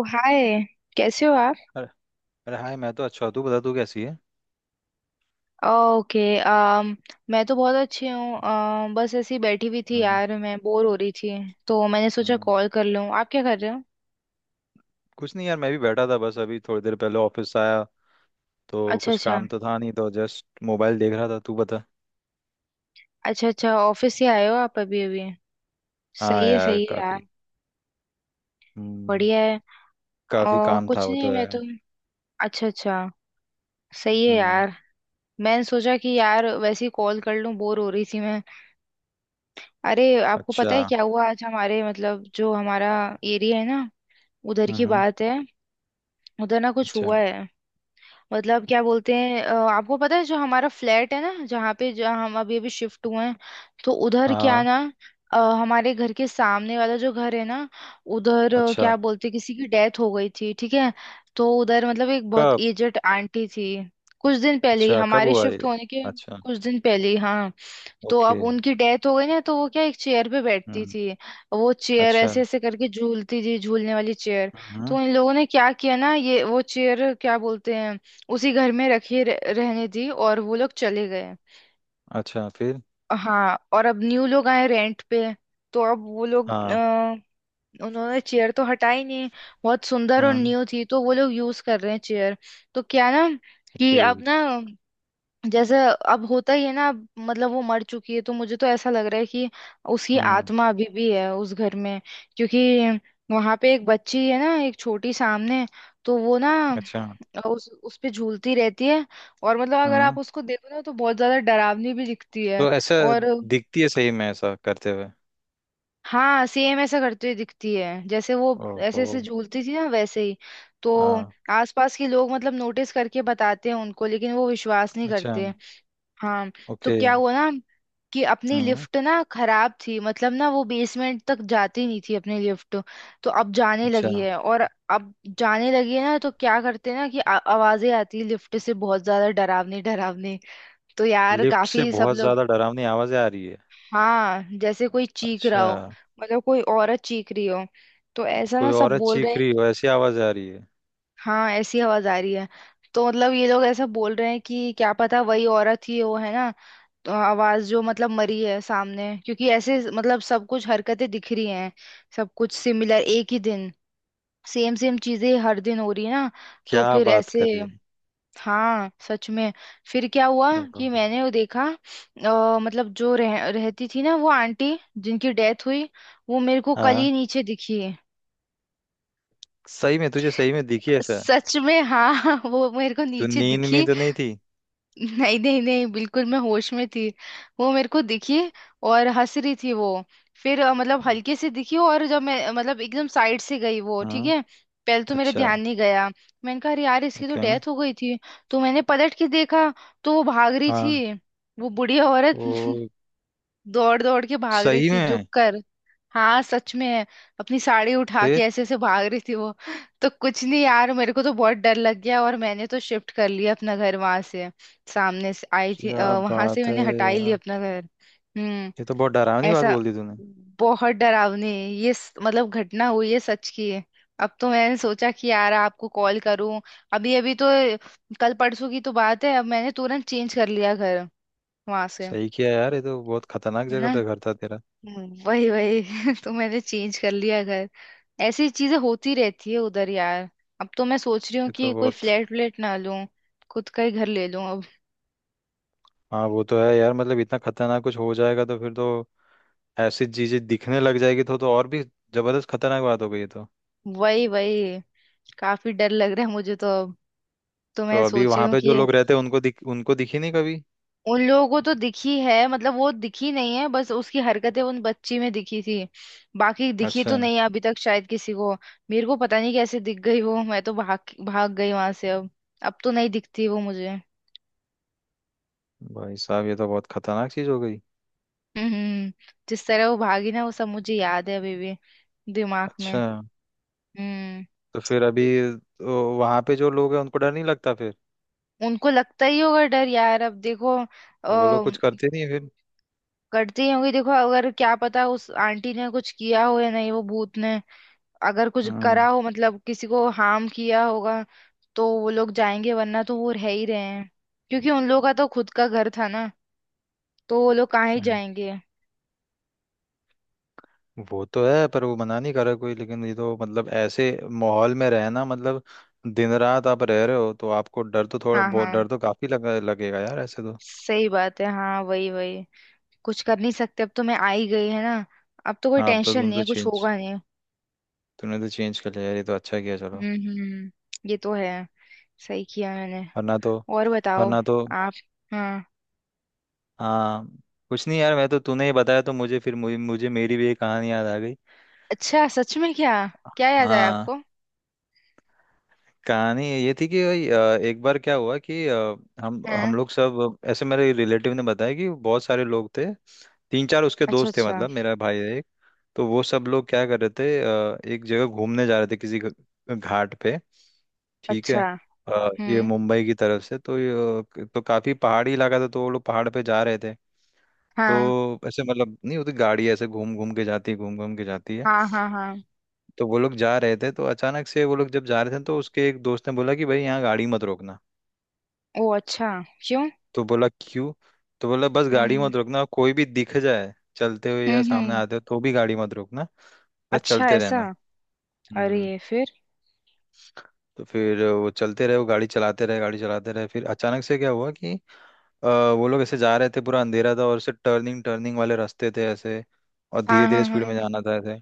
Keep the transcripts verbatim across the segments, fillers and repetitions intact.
ओ hi. कैसे हो आप? अरे अरे हाय। मैं तो अच्छा हूँ। तू बता तू कैसी है। ओके। अम मैं तो बहुत अच्छी हूँ। अम, बस ऐसी बैठी हुई थी हम्म। यार, मैं बोर हो रही थी। तो मैंने सोचा हम्म। कॉल कर लूँ। आप क्या कर रहे हो? कुछ नहीं यार, मैं भी बैठा था, बस अभी थोड़ी देर पहले ऑफिस आया, तो अच्छा कुछ अच्छा। काम तो था नहीं तो जस्ट मोबाइल देख रहा था। तू बता। अच्छा अच्छा, ऑफिस से आए हो आप अभी अभी? हाँ सही है यार सही है यार। काफी। हम्म। बढ़िया है। काफी और काम था, कुछ वो नहीं, तो मैं है। तो। अच्छा अच्छा। सही है हम्म। यार। मैंने सोचा कि यार वैसे ही कॉल कर लूँ, बोर हो रही थी मैं। अरे, आपको पता अच्छा। है क्या हुआ आज? हमारे मतलब जो हमारा एरिया है ना, उधर की हम्म। बात है। उधर ना कुछ अच्छा। हुआ है। मतलब क्या बोलते हैं, अ, आपको पता है जो हमारा फ्लैट है ना, जहाँ पे जहाँ हम अभी अभी शिफ्ट हुए हैं, तो उधर क्या हाँ। ना, अ, हमारे घर के सामने वाला जो घर है ना, उधर, अ, अच्छा क्या बोलते हैं, किसी की डेथ हो गई थी, ठीक है। तो उधर मतलब एक बहुत कब। एजेड आंटी थी। कुछ दिन पहले ही, अच्छा कब हमारे हुआ शिफ्ट ये। होने के अच्छा। कुछ दिन पहले ही, हाँ। तो ओके। अब उनकी डेथ हो गई ना, तो वो क्या, एक चेयर पे बैठती हम्म। थी। वो चेयर अच्छा। ऐसे ऐसे करके झूलती थी, झूलने वाली चेयर। हम्म। तो इन लोगों ने क्या किया ना, ये वो चेयर क्या बोलते हैं, उसी घर में रखी रह- रहने दी, और वो लोग चले गए। अच्छा फिर। हाँ, और अब न्यू लोग आए रेंट पे। तो अब वो लोग, हाँ। अ, उन्होंने चेयर तो हटाई नहीं। बहुत सुंदर और हम्म। न्यू थी तो वो लोग यूज कर रहे हैं चेयर। तो क्या ना, कि ओके। अब ना, जैसे, अब होता ही है ना, अब मतलब वो मर चुकी है तो मुझे तो ऐसा लग रहा है कि उसकी हम्म। आत्मा अभी भी है उस घर में। क्योंकि वहां पे एक बच्ची है ना, एक छोटी सामने। तो वो ना अच्छा। उस उस पे झूलती रहती है। और मतलब अगर आप हम्म। उसको देखो ना तो बहुत ज्यादा डरावनी भी दिखती है। तो ऐसा और दिखती है सही में ऐसा करते हुए। हाँ, सेम ऐसा करती हुई दिखती है जैसे वो ऐसे ओहो। ऐसे झूलती थी ना, वैसे ही। तो हाँ। आसपास के लोग मतलब नोटिस करके बताते हैं उनको, लेकिन वो विश्वास नहीं अच्छा। करते। हाँ। तो ओके। क्या हुआ ना, कि अपनी हम्म। लिफ्ट ना खराब थी, मतलब ना वो बेसमेंट तक जाती नहीं थी अपनी लिफ्ट। तो अब जाने अच्छा। लगी है। और अब जाने लगी है ना, तो क्या करते हैं ना कि आ- आवाजें आती है लिफ्ट से, बहुत ज्यादा डरावनी डरावनी। तो यार लिफ्ट से काफी सब बहुत लोग, ज्यादा डरावनी आवाजें आ रही है। हाँ, जैसे कोई चीख रहा अच्छा। हो, मतलब कोई औरत चीख रही हो, तो ऐसा कोई ना सब औरत बोल रहे चीख हैं। रही कि- हो ऐसी आवाज आ रही है। हाँ, ऐसी आवाज आ रही है। तो मतलब ये लोग ऐसा बोल रहे हैं कि क्या पता वही औरत ही वो है ना, अ, आवाज जो मतलब मरी है सामने, क्योंकि ऐसे मतलब सब कुछ हरकतें दिख रही हैं, सब कुछ सिमिलर, एक ही दिन सेम सेम चीजें हर दिन हो रही है ना। तो क्या फिर बात ऐसे, कर रही है। हाँ सच में। फिर क्या हुआ ओहो। कि मैंने वो देखा, अ, मतलब जो रह, रहती थी ना वो आंटी जिनकी डेथ हुई, वो मेरे को कल हाँ ही नीचे दिखी। सही में, तुझे सही में दिखी ऐसा। सच में, हाँ वो मेरे को तू नीचे नींद में दिखी। तो नहीं थी। नहीं नहीं नहीं, बिल्कुल मैं होश में थी। वो मेरे को दिखी, और हंस रही थी वो। फिर, अ, मतलब हल्के से दिखी, और जब मैं, अ, मतलब एकदम साइड से गई वो, ठीक हम्म। है। पहले तो मेरे अच्छा। ध्यान नहीं गया। मैंने कहा अरे यार इसकी तो ओके। डेथ हो गई थी। तो मैंने पलट के देखा, तो वो भाग रही हाँ थी, वो बुढ़िया औरत वो दौड़ दौड़ के भाग रही सही थी, झुक में। कर। हाँ सच में है। अपनी साड़ी उठा के फिर ऐसे ऐसे भाग रही थी वो। तो कुछ नहीं यार, मेरे को तो बहुत डर लग गया, और मैंने तो शिफ्ट कर लिया अपना घर वहां से। सामने से आई थी, क्या वहां से बात है मैंने हटा ही लिया यार, अपना घर। हम्म। ये तो बहुत डरावनी बात ऐसा। बोल दी तूने। बहुत डरावनी। ये स- मतलब घटना हुई है, सच की है। अब तो मैंने सोचा कि यार आपको कॉल करूं। अभी अभी तो, कल परसों की तो बात है। अब मैंने तुरंत चेंज कर लिया घर वहां से। सही किया यार, ये तो बहुत खतरनाक है ना। जगह पे घर था तेरा। हम्म, वही वही तो मैंने चेंज कर लिया घर। ऐसी चीजें होती रहती है उधर यार। अब तो मैं सोच रही हूँ ये कि तो कोई बहुत। फ्लैट व्लैट ना लूं, खुद का ही घर ले लूं अब। हाँ वो तो है यार, मतलब इतना खतरनाक कुछ हो जाएगा तो फिर तो, ऐसी चीजें दिखने लग जाएगी तो तो और भी जबरदस्त खतरनाक बात हो गई है तो। वही वही। काफी डर लग रहा है मुझे तो। अब तो मैं तो अभी सोच रही वहां हूँ पे कि। जो लोग रहते हैं उनको दिख उनको दिखी नहीं कभी। उन लोगों को तो दिखी है, मतलब वो दिखी नहीं है, बस उसकी हरकतें उन बच्ची में दिखी थी। बाकी दिखी अच्छा। तो नहीं है अभी तक शायद किसी को। मेरे को पता नहीं कैसे दिख गई वो, मैं तो भाग भाग गई वहां से अब। अब तो नहीं दिखती वो मुझे। भाई साहब ये तो बहुत खतरनाक चीज हो गई। हम्म। जिस तरह वो भागी ना, वो सब मुझे याद है अभी भी, दिमाग में। अच्छा। हम्म। तो फिर अभी, तो वहां पे जो लोग हैं उनको डर नहीं लगता फिर। उनको लगता ही होगा डर यार। अब देखो, अ, वो लोग कुछ करते नहीं है फिर। करती ही होंगी। देखो अगर क्या पता उस आंटी ने कुछ किया हो या नहीं वो भूत ने। अगर कुछ हम्म। करा हो मतलब किसी को हार्म किया होगा, तो वो लोग जाएंगे, वरना तो वो रह ही रहे हैं। क्योंकि उन लोगों का तो खुद का घर था ना, तो वो लोग कहाँ ही हम्म, जाएंगे। वो तो है, पर वो मना नहीं कर रहा कोई, लेकिन ये तो मतलब ऐसे माहौल में रहना, मतलब दिन रात आप रह रहे हो तो आपको डर तो, थोड़ा हाँ बहुत हाँ, डर तो काफी लगा लगेगा यार ऐसे तो। सही बात है, हाँ वही वही। कुछ कर नहीं सकते, अब तो मैं आ ही गई है ना। अब तो कोई हाँ अब तो टेंशन तुम नहीं तो है, कुछ चेंज, होगा नहीं। तूने तो चेंज कर लिया यार, ये तो अच्छा किया चलो। हम्म हम्म, ये तो है। सही किया मैंने। वरना तो। और बताओ वरना तो। आप? हाँ। हाँ। कुछ नहीं यार, मैं तो तूने ही बताया तो मुझे, फिर मुझे, मुझे मेरी भी एक कहानी याद आ गई। अच्छा सच में, क्या? क्या याद है हाँ। आपको? कहानी ये थी कि भाई, अ, एक बार क्या हुआ कि अ, हम हम हाँ। लोग सब ऐसे, मेरे रिलेटिव ने बताया कि बहुत सारे लोग थे, तीन चार उसके अच्छा दोस्त थे, अच्छा। मतलब मेरा भाई है एक। तो वो सब लोग क्या कर रहे थे, अ, एक जगह घूमने जा रहे थे किसी घ- घाट पे। ठीक अच्छा। है। अ, ये हम्म। मुंबई की तरफ से तो ये, तो काफी पहाड़ी इलाका था, तो वो लोग पहाड़ पे जा रहे थे। हाँ तो ऐसे मतलब नहीं होती गाड़ी, ऐसे घूम घूम के जाती है, घूम घूम के जाती है। हाँ हाँ। हाँ। तो वो लोग जा रहे थे, तो अचानक से वो लोग जब जा रहे थे तो उसके एक दोस्त ने बोला कि भाई यहाँ गाड़ी मत रोकना। ओ अच्छा, क्यों? तो बोला क्यों। तो बोला बस गाड़ी हम्म मत रोकना, कोई भी दिख जाए चलते हुए या हम्म सामने हम्म। आते हुए तो भी गाड़ी मत रोकना, बस अच्छा चलते ऐसा? रहना। हम्म। अरे फिर? तो फिर वो चलते रहे, वो गाड़ी चलाते रहे गाड़ी चलाते रहे, फिर अचानक से क्या हुआ कि अ, वो लोग ऐसे जा रहे थे, पूरा अंधेरा था और ऐसे टर्निंग टर्निंग वाले रास्ते थे ऐसे, और धीरे हाँ धीरे हाँ स्पीड हाँ। में जाना था ऐसे।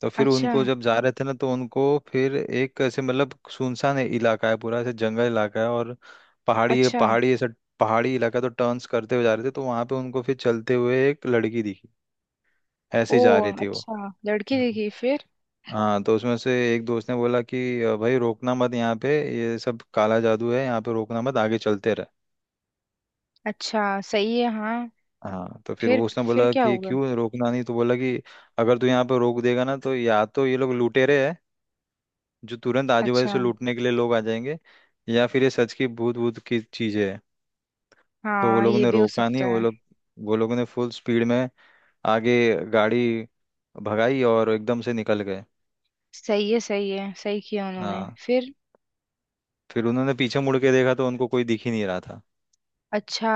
तो फिर अच्छा। उनको जब जा रहे थे ना तो उनको, फिर एक ऐसे मतलब सुनसान है- इलाका है, पूरा ऐसे जंगल इलाका है, और पहाड़ी अच्छा। पहाड़ी ऐसा, पहाड़ी इलाका। तो टर्न्स करते हुए जा रहे थे तो वहां पे उनको फिर चलते हुए एक लड़की दिखी, ऐसे ओ ही जा रही थी वो। अच्छा, लड़की हम्म। दिखी फिर? हाँ। तो उसमें से एक दोस्त ने बोला कि "अ, भाई रोकना मत यहाँ पे, ये सब काला जादू है, यहाँ पे रोकना मत आगे चलते रहे। अच्छा सही है हाँ। हाँ। तो फिर फिर? वो उसने फिर बोला क्या कि हुआ? क्यों रोकना नहीं, तो बोला कि अगर तू यहाँ पर रोक देगा ना तो या तो ये लोग लुटेरे हैं जो तुरंत आजू बाजू अच्छा। से लूटने के लिए लोग आ जाएंगे, या फिर ये सच की भूत भूत की चीजें है। तो वो हाँ लोगों ये ने भी हो रोका नहीं, सकता वो है। लोग, वो लोगों ने फुल स्पीड में आगे गाड़ी भगाई और एकदम से निकल गए। सही है सही है, सही किया उन्होंने हाँ। फिर। फिर उन्होंने पीछे मुड़ के देखा तो उनको कोई दिख ही नहीं रहा था। अच्छा।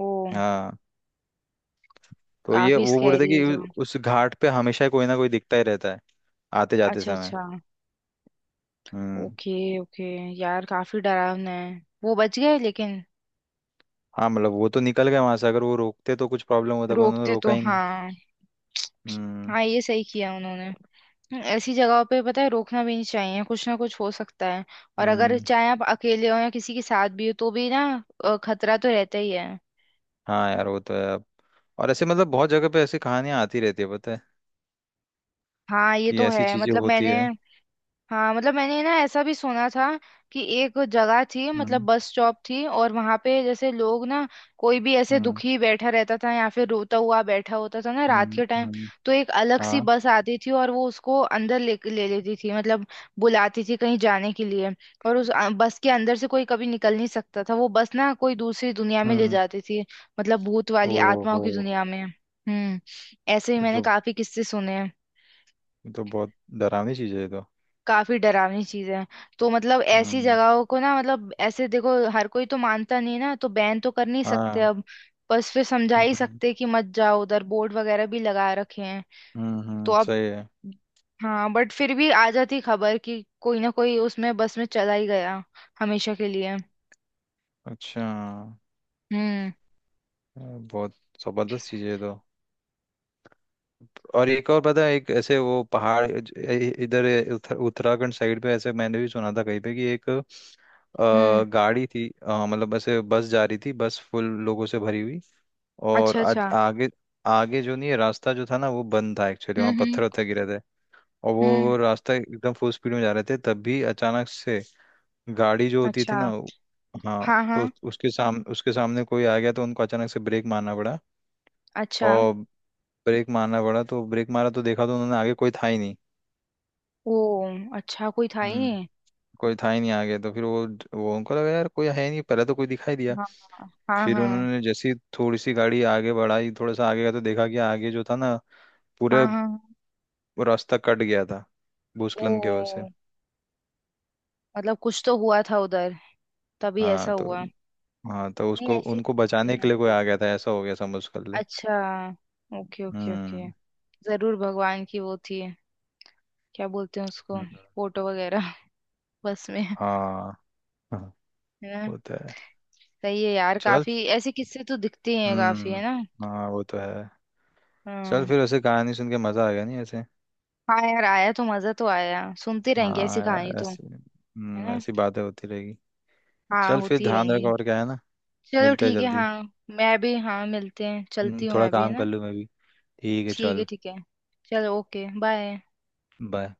ओ। हाँ। तो ये काफी वो बोल रहे स्कैरी है थे कि तो। उस घाट पे हमेशा कोई ना कोई दिखता ही रहता है आते जाते अच्छा समय। अच्छा। हम्म। Okay okay. यार काफी डरावना है। वो बच गए लेकिन। हाँ मतलब वो तो निकल गए वहां से, अगर वो रोकते तो कुछ प्रॉब्लम होता पर उन्होंने रोकते रोका तो, ही नहीं। हाँ। हम्म। हाँ, ये सही किया उन्होंने। हम्म, ऐसी जगहों पे पता है रोकना भी नहीं चाहिए, कुछ ना कुछ हो सकता है। और अगर हम्म। चाहे आप अकेले हो या किसी के साथ भी हो तो भी ना, अ, खतरा तो रहता ही है। हाँ यार वो तो है अब, और ऐसे मतलब बहुत जगह पे ऐसी कहानियां आती रहती है पता है, हाँ ये कि तो ऐसी है, चीजें मतलब होती मैंने, है। हाँ मतलब मैंने ना ऐसा भी सुना था कि एक जगह थी, मतलब हम्म। बस स्टॉप थी, और वहां पे जैसे लोग ना, कोई भी ऐसे हम्म। दुखी बैठा रहता था या फिर रोता हुआ बैठा होता था ना, रात हम्म। के टाइम, हम्म। तो एक अलग सी हाँ। बस आती थी और वो उसको अंदर ले ले लेती थी, मतलब बुलाती थी कहीं जाने के लिए। और उस अ, बस के अंदर से कोई कभी निकल नहीं सकता था, वो बस ना कोई दूसरी दुनिया में ले हम्म। जाती थी, मतलब भूत वाली आत्माओं ओहो। की दुनिया में। हम्म। ऐसे ही ये मैंने तो, काफी किस्से सुने हैं। ये तो बहुत डरावनी चीज है ये तो। काफी डरावनी चीज है। तो मतलब ऐसी हम्म। जगहों को ना, मतलब ऐसे देखो हर कोई तो मानता नहीं ना, तो बैन तो कर नहीं सकते हाँ। अब। बस फिर समझा ही हम्म। सकते कि मत जाओ उधर, बोर्ड वगैरह भी लगा रखे हैं। हम्म। तो हम्म, अब, सही है। हाँ बट फिर भी आ जाती खबर कि कोई ना कोई उसमें, बस में चला ही गया, हमेशा के लिए। अच्छा। हम्म। ये बहुत जबरदस्त चीज है ये तो, और एक और पता है, एक ऐसे वो पहाड़ ज- इ- इधर उत्तर- उत्तराखंड साइड पे, ऐसे मैंने भी सुना था कहीं पे कि एक हम्म। अ, गाड़ी थी, अ, मतलब ऐसे बस जा रही थी, बस फुल लोगों से भरी हुई। और अच्छा आज अच्छा। आगे आगे जो नहीं है रास्ता जो था ना वो बंद था एक्चुअली, वहाँ हम्म पत्थर हम्म वत्थर गिरे थे। और वो हम्म। वो रास्ता एकदम फुल स्पीड में जा रहे थे तब भी अचानक से गाड़ी जो होती अच्छा। थी ना वो-। हाँ हाँ तो हाँ। उसके साम उसके सामने कोई आ गया तो उनको अचानक से ब्रेक मारना पड़ा। अच्छा। और ब्रेक मारना पड़ा तो ब्रेक मारा तो देखा तो उन्होंने आगे कोई था ही नहीं। ओ अच्छा, कोई था ही हम्म। नहीं? कोई था ही नहीं आगे, तो फिर वो वो उनको लगा यार कोई है नहीं, पहले तो कोई दिखाई दिया। हाँ हाँ हाँ। फिर हाँ उन्होंने जैसी थोड़ी सी गाड़ी आगे बढ़ाई, थोड़ा सा आगे गया तो देखा कि आगे जो था ना हाँ पूरे हाँ। हाँ, रास्ता कट गया था भूस्खलन की वजह से। ओ। मतलब कुछ तो हुआ था उधर, तभी ऐसा हाँ तो, हुआ। हाँ तो नहीं, उसको ऐसी उनको होती बचाने के है लिए कोई आ गया जगह। था ऐसा हो गया समझ कर ले। अच्छा। Okay okay okay. हम्म। जरूर भगवान की वो थी, क्या बोलते हैं उसको, हम्म, फोटो वगैरह बस में है हाँ। हाँ, ना। वो तो है। सही है यार, चल। काफी ऐसे किस्से तो दिखते हैं काफी, है ना। हम्म। हाँ वो तो है। चल हम्म। फिर, ऐसे कहानी सुन के मजा आ गया नहीं ऐसे। हाँ यार, आया तो मजा तो आया, सुनते रहेंगे ऐसी हाँ कहानी यार तो। है ऐसे हम्म, ना। ऐसी बातें होती रहेगी। हाँ चल फिर होती ही ध्यान रख रहेंगी। और क्या है ना। चलो मिलते हैं ठीक है जल्दी। हाँ। मैं भी हाँ, मिलते हैं, चलती हम्म, हूँ थोड़ा मैं भी, है काम कर ना। लूँ मैं भी। ठीक है ठीक है चल। ठीक है। चलो, ओके, बाय। बाय।